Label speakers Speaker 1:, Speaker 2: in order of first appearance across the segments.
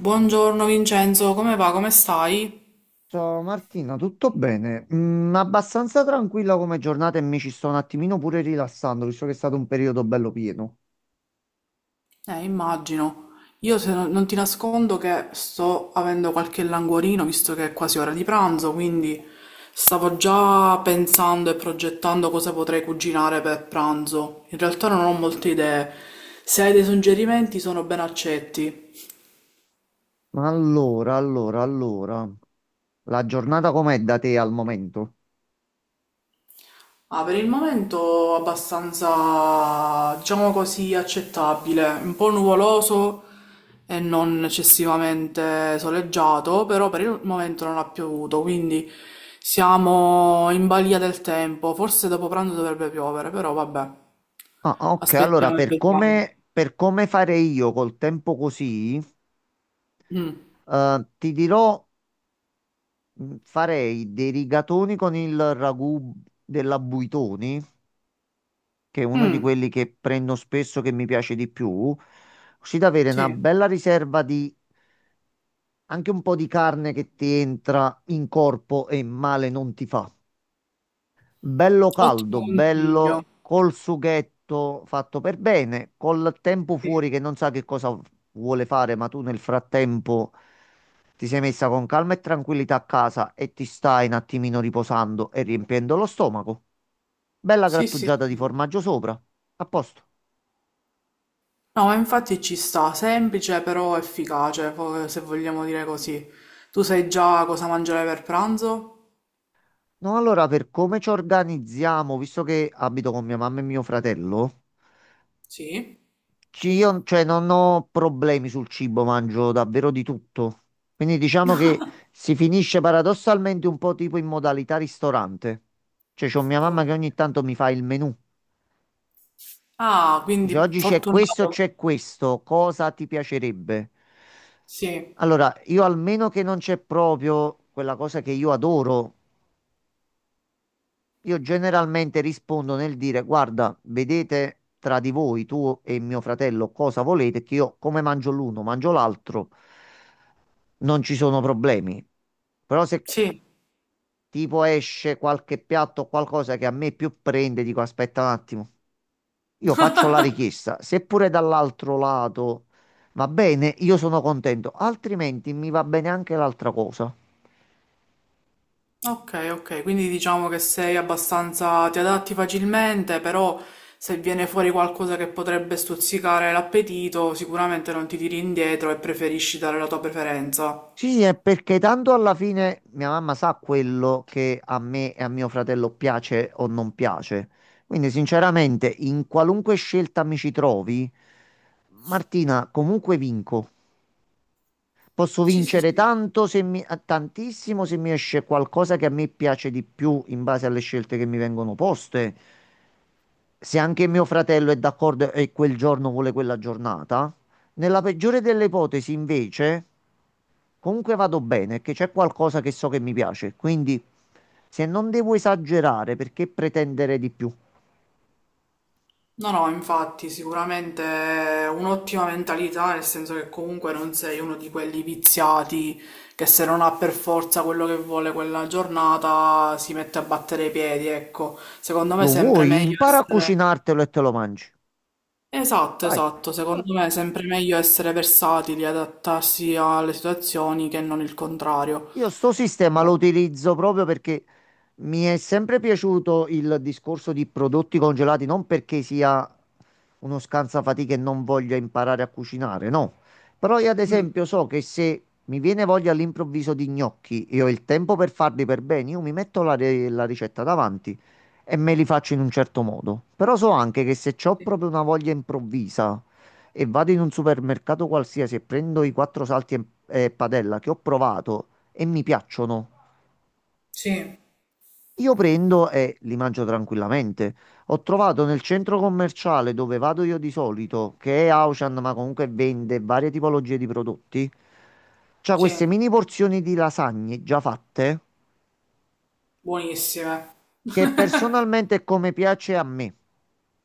Speaker 1: Buongiorno Vincenzo, come va? Come stai?
Speaker 2: Ciao Martina, tutto bene? Abbastanza tranquilla come giornata e mi ci sto un attimino pure rilassando, visto che è stato un periodo bello pieno.
Speaker 1: Immagino. Io se no- Non ti nascondo che sto avendo qualche languorino, visto che è quasi ora di pranzo, quindi stavo già pensando e progettando cosa potrei cucinare per pranzo. In realtà non ho molte idee. Se hai dei suggerimenti sono ben accetti.
Speaker 2: Ma allora, la giornata com'è da te al momento?
Speaker 1: Ah, per il momento abbastanza, diciamo così, accettabile, un po' nuvoloso e non eccessivamente soleggiato, però per il momento non ha piovuto, quindi siamo in balia del tempo, forse dopo pranzo dovrebbe piovere, però vabbè,
Speaker 2: Ah, ok, allora,
Speaker 1: aspettiamo e vediamo.
Speaker 2: per come farei io col tempo così,
Speaker 1: Mm.
Speaker 2: ti dirò, farei dei rigatoni con il ragù della Buitoni, che è uno di
Speaker 1: Mm,
Speaker 2: quelli che prendo spesso, che mi piace di più, così da avere una
Speaker 1: sì,
Speaker 2: bella riserva di anche un po' di carne, che ti entra in corpo e male non ti fa. Bello
Speaker 1: ottimo
Speaker 2: caldo,
Speaker 1: consiglio.
Speaker 2: bello col sughetto fatto per bene, col tempo fuori
Speaker 1: Sì,
Speaker 2: che non sa che cosa vuole fare, ma tu nel frattempo ti sei messa con calma e tranquillità a casa e ti stai un attimino riposando e riempiendo lo stomaco. Bella
Speaker 1: sì, sì,
Speaker 2: grattugiata di
Speaker 1: sì.
Speaker 2: formaggio sopra. A posto.
Speaker 1: No, ma infatti ci sta, semplice però efficace, se vogliamo dire così. Tu sai già cosa mangiare per pranzo?
Speaker 2: No, allora, per come ci organizziamo, visto che abito con mia mamma e mio fratello.
Speaker 1: Sì.
Speaker 2: Io, cioè, non ho problemi sul cibo, mangio davvero di tutto. Quindi diciamo che si finisce paradossalmente un po' tipo in modalità ristorante. Cioè, c'ho mia mamma
Speaker 1: Oh.
Speaker 2: che ogni tanto mi fa il menù.
Speaker 1: Ah,
Speaker 2: Dice,
Speaker 1: quindi
Speaker 2: oggi
Speaker 1: fortunato.
Speaker 2: c'è questo, cosa ti piacerebbe?
Speaker 1: Sì,
Speaker 2: Allora, io almeno che non c'è proprio quella cosa che io adoro, io generalmente rispondo nel dire: guarda, vedete tra di voi, tu e mio fratello, cosa volete, che io come mangio l'uno, mangio l'altro, non ci sono problemi. Però se
Speaker 1: sì.
Speaker 2: tipo esce qualche piatto o qualcosa che a me più prende, dico: aspetta un attimo, io faccio la richiesta. Se pure dall'altro lato va bene, io sono contento, altrimenti mi va bene anche l'altra cosa.
Speaker 1: Ok, ok, quindi diciamo che sei abbastanza, ti adatti facilmente, però se viene fuori qualcosa che potrebbe stuzzicare l'appetito, sicuramente non ti tiri indietro e preferisci dare la tua preferenza.
Speaker 2: Sì, è perché tanto alla fine mia mamma sa quello che a me e a mio fratello piace o non piace. Quindi, sinceramente, in qualunque scelta mi ci trovi, Martina, comunque vinco. Posso
Speaker 1: Sì, sì,
Speaker 2: vincere
Speaker 1: sì.
Speaker 2: tanto se tantissimo se mi esce qualcosa che a me piace di più in base alle scelte che mi vengono poste. Se anche mio fratello è d'accordo e quel giorno vuole quella giornata. Nella peggiore delle ipotesi, invece, comunque vado bene, che c'è qualcosa che so che mi piace, quindi se non devo esagerare, perché pretendere di più?
Speaker 1: No, no, infatti, sicuramente è un'ottima mentalità, nel senso che comunque non sei uno di quelli viziati che se non ha per forza quello che vuole quella giornata si mette a battere i piedi, ecco. Secondo me è
Speaker 2: Lo
Speaker 1: sempre
Speaker 2: vuoi?
Speaker 1: meglio
Speaker 2: Impara a
Speaker 1: essere...
Speaker 2: cucinartelo e te lo mangi.
Speaker 1: Esatto,
Speaker 2: Vai,
Speaker 1: esatto, secondo me
Speaker 2: fatto.
Speaker 1: è sempre meglio essere versatili, adattarsi alle situazioni che non il contrario.
Speaker 2: Io sto sistema lo
Speaker 1: Eh,
Speaker 2: utilizzo proprio perché mi è sempre piaciuto il discorso di prodotti congelati, non perché sia uno scansafatiche e non voglia imparare a cucinare, no. Però io ad
Speaker 1: mm,
Speaker 2: esempio so che se mi viene voglia all'improvviso di gnocchi e ho il tempo per farli per bene, io mi metto la ricetta davanti e me li faccio in un certo modo. Però so anche che se ho
Speaker 1: sì,
Speaker 2: proprio una voglia improvvisa e vado in un supermercato qualsiasi e prendo i quattro salti e padella che ho provato e mi piacciono.
Speaker 1: sì,
Speaker 2: Io prendo e li mangio tranquillamente. Ho trovato, nel centro commerciale dove vado io di solito, che è Auchan, ma comunque vende varie tipologie di prodotti, c'ha queste
Speaker 1: sì,
Speaker 2: mini porzioni di lasagne già fatte,
Speaker 1: buonissime.
Speaker 2: che personalmente è come piace a me.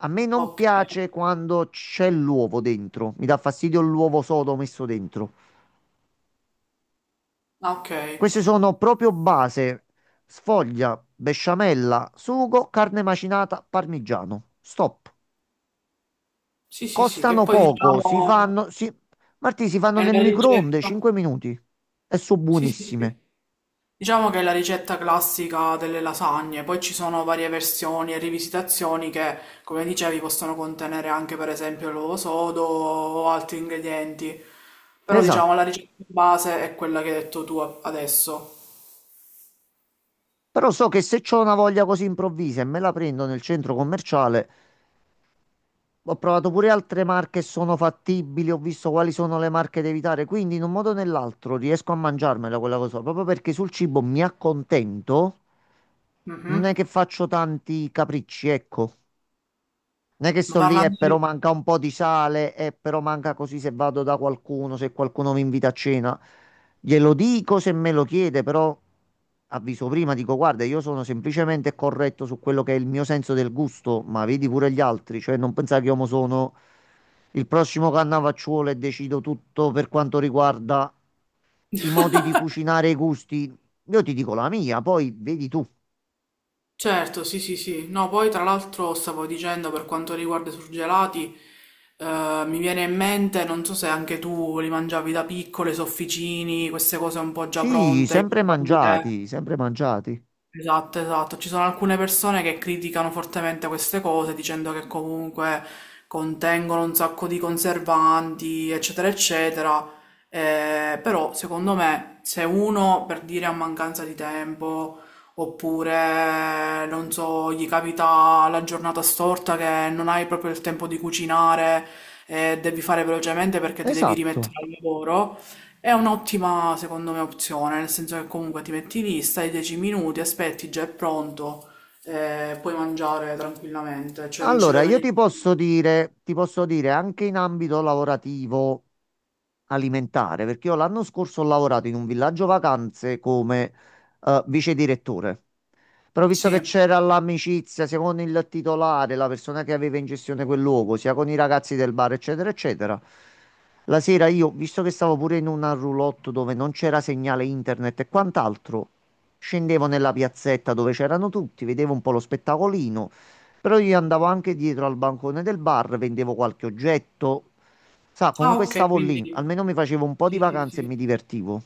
Speaker 2: A me non
Speaker 1: Ok,
Speaker 2: piace quando c'è l'uovo dentro, mi dà fastidio l'uovo sodo messo dentro.
Speaker 1: ah, ok.
Speaker 2: Queste sono proprio base, sfoglia, besciamella, sugo, carne macinata, parmigiano. Stop.
Speaker 1: Sì, sì, sì, che
Speaker 2: Costano
Speaker 1: poi
Speaker 2: poco, si
Speaker 1: diciamo...
Speaker 2: fanno, si... Martì, si fanno
Speaker 1: È
Speaker 2: nel
Speaker 1: la
Speaker 2: microonde
Speaker 1: ricetta,
Speaker 2: 5 minuti e sono
Speaker 1: sì, sì, sì.
Speaker 2: buonissime.
Speaker 1: Diciamo che è la ricetta classica delle lasagne, poi ci sono varie versioni e rivisitazioni che, come dicevi, possono contenere anche per esempio l'uovo sodo o altri ingredienti, però
Speaker 2: Esatto.
Speaker 1: diciamo la ricetta base è quella che hai detto tu adesso.
Speaker 2: Però so che se ho una voglia così improvvisa e me la prendo nel centro commerciale, ho provato pure altre marche e sono fattibili, ho visto quali sono le marche da evitare, quindi in un modo o nell'altro riesco a mangiarmela quella cosa, proprio perché sul cibo mi accontento. Non è
Speaker 1: Mhm.
Speaker 2: che faccio tanti capricci, ecco. Non è che
Speaker 1: Ma
Speaker 2: sto lì e
Speaker 1: parlando di
Speaker 2: però manca un po' di sale e però manca così, se vado da qualcuno, se qualcuno mi invita a cena. Glielo dico se me lo chiede, però avviso prima, dico guarda, io sono semplicemente corretto su quello che è il mio senso del gusto, ma vedi pure gli altri, cioè non pensare che io mo sono il prossimo Cannavacciuolo e decido tutto per quanto riguarda i modi di cucinare e i gusti. Io ti dico la mia, poi vedi tu.
Speaker 1: certo, sì, sì, sì. No, poi tra l'altro stavo dicendo per quanto riguarda i surgelati, mi viene in mente, non so se anche tu li mangiavi da piccole, i sofficini, queste cose un po' già
Speaker 2: Sì,
Speaker 1: pronte, i
Speaker 2: sempre
Speaker 1: crumble.
Speaker 2: mangiati, sempre mangiati.
Speaker 1: Esatto, esatto. Ci sono alcune persone che criticano fortemente queste cose dicendo che comunque contengono un sacco di conservanti, eccetera, eccetera. Però secondo me se uno per dire a mancanza di tempo oppure non so, gli capita la giornata storta che non hai proprio il tempo di cucinare e devi fare velocemente perché ti devi
Speaker 2: Esatto.
Speaker 1: rimettere al lavoro. È un'ottima, secondo me, opzione, nel senso che comunque ti metti lì, stai 10 minuti, aspetti, già è pronto, puoi mangiare tranquillamente, cioè non ci
Speaker 2: Allora,
Speaker 1: vedo
Speaker 2: io
Speaker 1: niente.
Speaker 2: ti posso dire anche in ambito lavorativo alimentare, perché io l'anno scorso ho lavorato in un villaggio vacanze come vice direttore. Però visto
Speaker 1: Sì.
Speaker 2: che c'era l'amicizia sia con il titolare, la persona che aveva in gestione quel luogo, sia con i ragazzi del bar, eccetera, eccetera, la sera io, visto che stavo pure in una roulotte dove non c'era segnale internet e quant'altro, scendevo nella piazzetta dove c'erano tutti, vedevo un po' lo spettacolino. Però io andavo anche dietro al bancone del bar, vendevo qualche oggetto. Sa,
Speaker 1: Ah,
Speaker 2: comunque
Speaker 1: ok,
Speaker 2: stavo lì,
Speaker 1: quindi...
Speaker 2: almeno mi facevo un po' di
Speaker 1: Sì, sì,
Speaker 2: vacanze e
Speaker 1: sì.
Speaker 2: mi divertivo.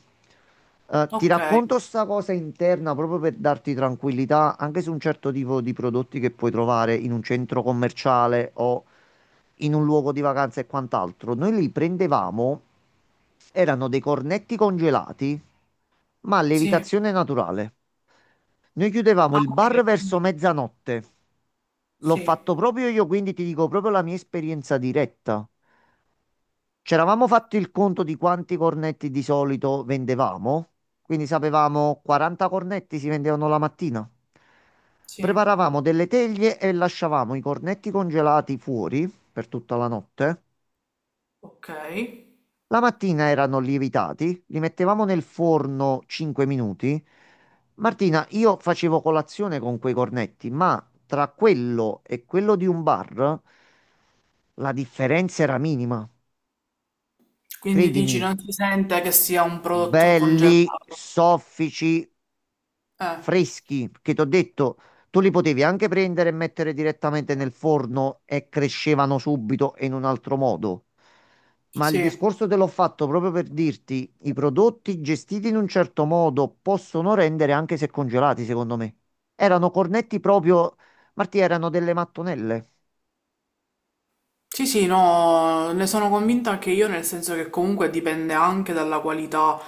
Speaker 2: Ti
Speaker 1: Ok,
Speaker 2: racconto sta cosa interna proprio per darti tranquillità anche su un certo tipo di prodotti che puoi trovare in un centro commerciale o in un luogo di vacanza e quant'altro. Noi li prendevamo, erano dei cornetti congelati, ma a
Speaker 1: sì.
Speaker 2: lievitazione naturale. Noi chiudevamo
Speaker 1: Ah,
Speaker 2: il
Speaker 1: ok,
Speaker 2: bar verso
Speaker 1: quindi-
Speaker 2: mezzanotte. L'ho
Speaker 1: sì,
Speaker 2: fatto proprio io, quindi ti dico proprio la mia esperienza diretta. C'eravamo fatti il conto di quanti cornetti di solito vendevamo, quindi sapevamo 40 cornetti si vendevano la mattina.
Speaker 1: sì,
Speaker 2: Preparavamo delle teglie e lasciavamo i cornetti congelati fuori per tutta la notte.
Speaker 1: ok.
Speaker 2: La mattina erano lievitati, li mettevamo nel forno 5 minuti. Martina, io facevo colazione con quei cornetti, ma tra quello e quello di un bar la differenza era minima.
Speaker 1: Quindi
Speaker 2: Credimi,
Speaker 1: dici, non si sente che sia un prodotto congelato.
Speaker 2: belli, soffici,
Speaker 1: Eh,
Speaker 2: freschi, che ti ho detto, tu li potevi anche prendere e mettere direttamente nel forno e crescevano subito e in un altro modo. Ma il
Speaker 1: sì.
Speaker 2: discorso te l'ho fatto proprio per dirti, i prodotti gestiti in un certo modo possono rendere anche se congelati, secondo me. Erano cornetti proprio, Marti, erano delle mattonelle.
Speaker 1: Sì, sì, no, ne sono convinta anche io, nel senso che comunque dipende anche dalla qualità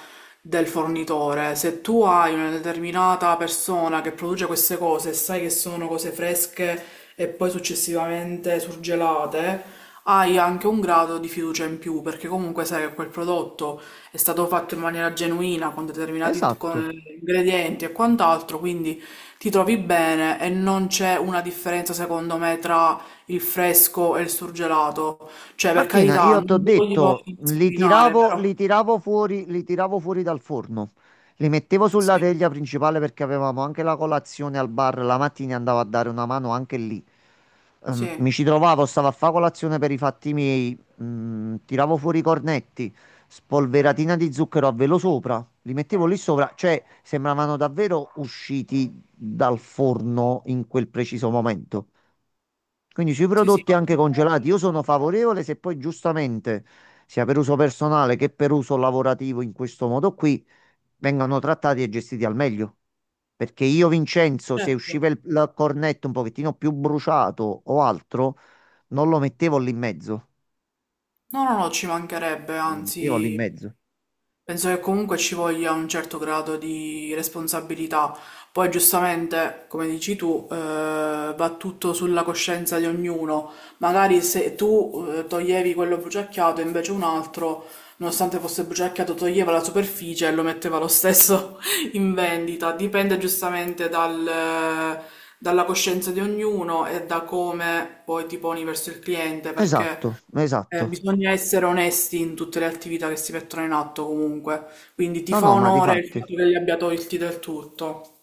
Speaker 1: del fornitore. Se tu hai una determinata persona che produce queste cose e sai che sono cose fresche e poi successivamente surgelate, hai anche un grado di fiducia in più, perché comunque sai che quel prodotto è stato fatto in maniera genuina, con determinati con
Speaker 2: Esatto.
Speaker 1: ingredienti e quant'altro, quindi ti trovi bene e non c'è una differenza, secondo me, tra il fresco e il surgelato. Cioè, per
Speaker 2: Martina,
Speaker 1: carità,
Speaker 2: io
Speaker 1: non
Speaker 2: ti ho
Speaker 1: voglio
Speaker 2: detto,
Speaker 1: discriminare, però
Speaker 2: li tiravo fuori dal forno. Li mettevo sulla
Speaker 1: sì,
Speaker 2: teglia principale perché avevamo anche la colazione al bar la mattina e andavo a dare una mano anche lì.
Speaker 1: sì,
Speaker 2: Mi ci trovavo, stavo a fare colazione per i fatti miei, tiravo fuori i cornetti, spolveratina di zucchero a velo sopra, li mettevo lì sopra, cioè sembravano davvero usciti dal forno in quel preciso momento. Quindi sui
Speaker 1: sì, sì,
Speaker 2: prodotti
Speaker 1: va
Speaker 2: anche
Speaker 1: bene.
Speaker 2: congelati io sono favorevole, se poi giustamente, sia per uso personale che per uso lavorativo in questo modo qui, vengano trattati e gestiti al meglio. Perché io, Vincenzo, se usciva
Speaker 1: Certo.
Speaker 2: il cornetto un pochettino più bruciato o altro, non lo mettevo lì in mezzo.
Speaker 1: No, no, no, ci mancherebbe,
Speaker 2: Non lo mettevo lì in
Speaker 1: anzi,
Speaker 2: mezzo.
Speaker 1: penso che comunque ci voglia un certo grado di responsabilità. Poi giustamente, come dici tu, va tutto sulla coscienza di ognuno. Magari se tu toglievi quello bruciacchiato, invece un altro, nonostante fosse bruciacchiato, toglieva la superficie e lo metteva lo stesso in vendita. Dipende giustamente dalla coscienza di ognuno e da come poi ti poni verso il cliente, perché
Speaker 2: Esatto, esatto.
Speaker 1: bisogna essere onesti in tutte le attività che si mettono in atto comunque, quindi ti
Speaker 2: No,
Speaker 1: fa
Speaker 2: no, ma di
Speaker 1: onore il
Speaker 2: fatti.
Speaker 1: fatto che li abbia tolti del tutto.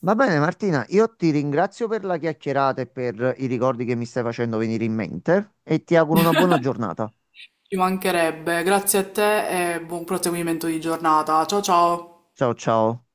Speaker 2: Va bene, Martina, io ti ringrazio per la chiacchierata e per i ricordi che mi stai facendo venire in mente e ti auguro una buona
Speaker 1: Ci
Speaker 2: giornata.
Speaker 1: mancherebbe. Grazie a te e buon proseguimento di giornata. Ciao ciao.
Speaker 2: Ciao, ciao.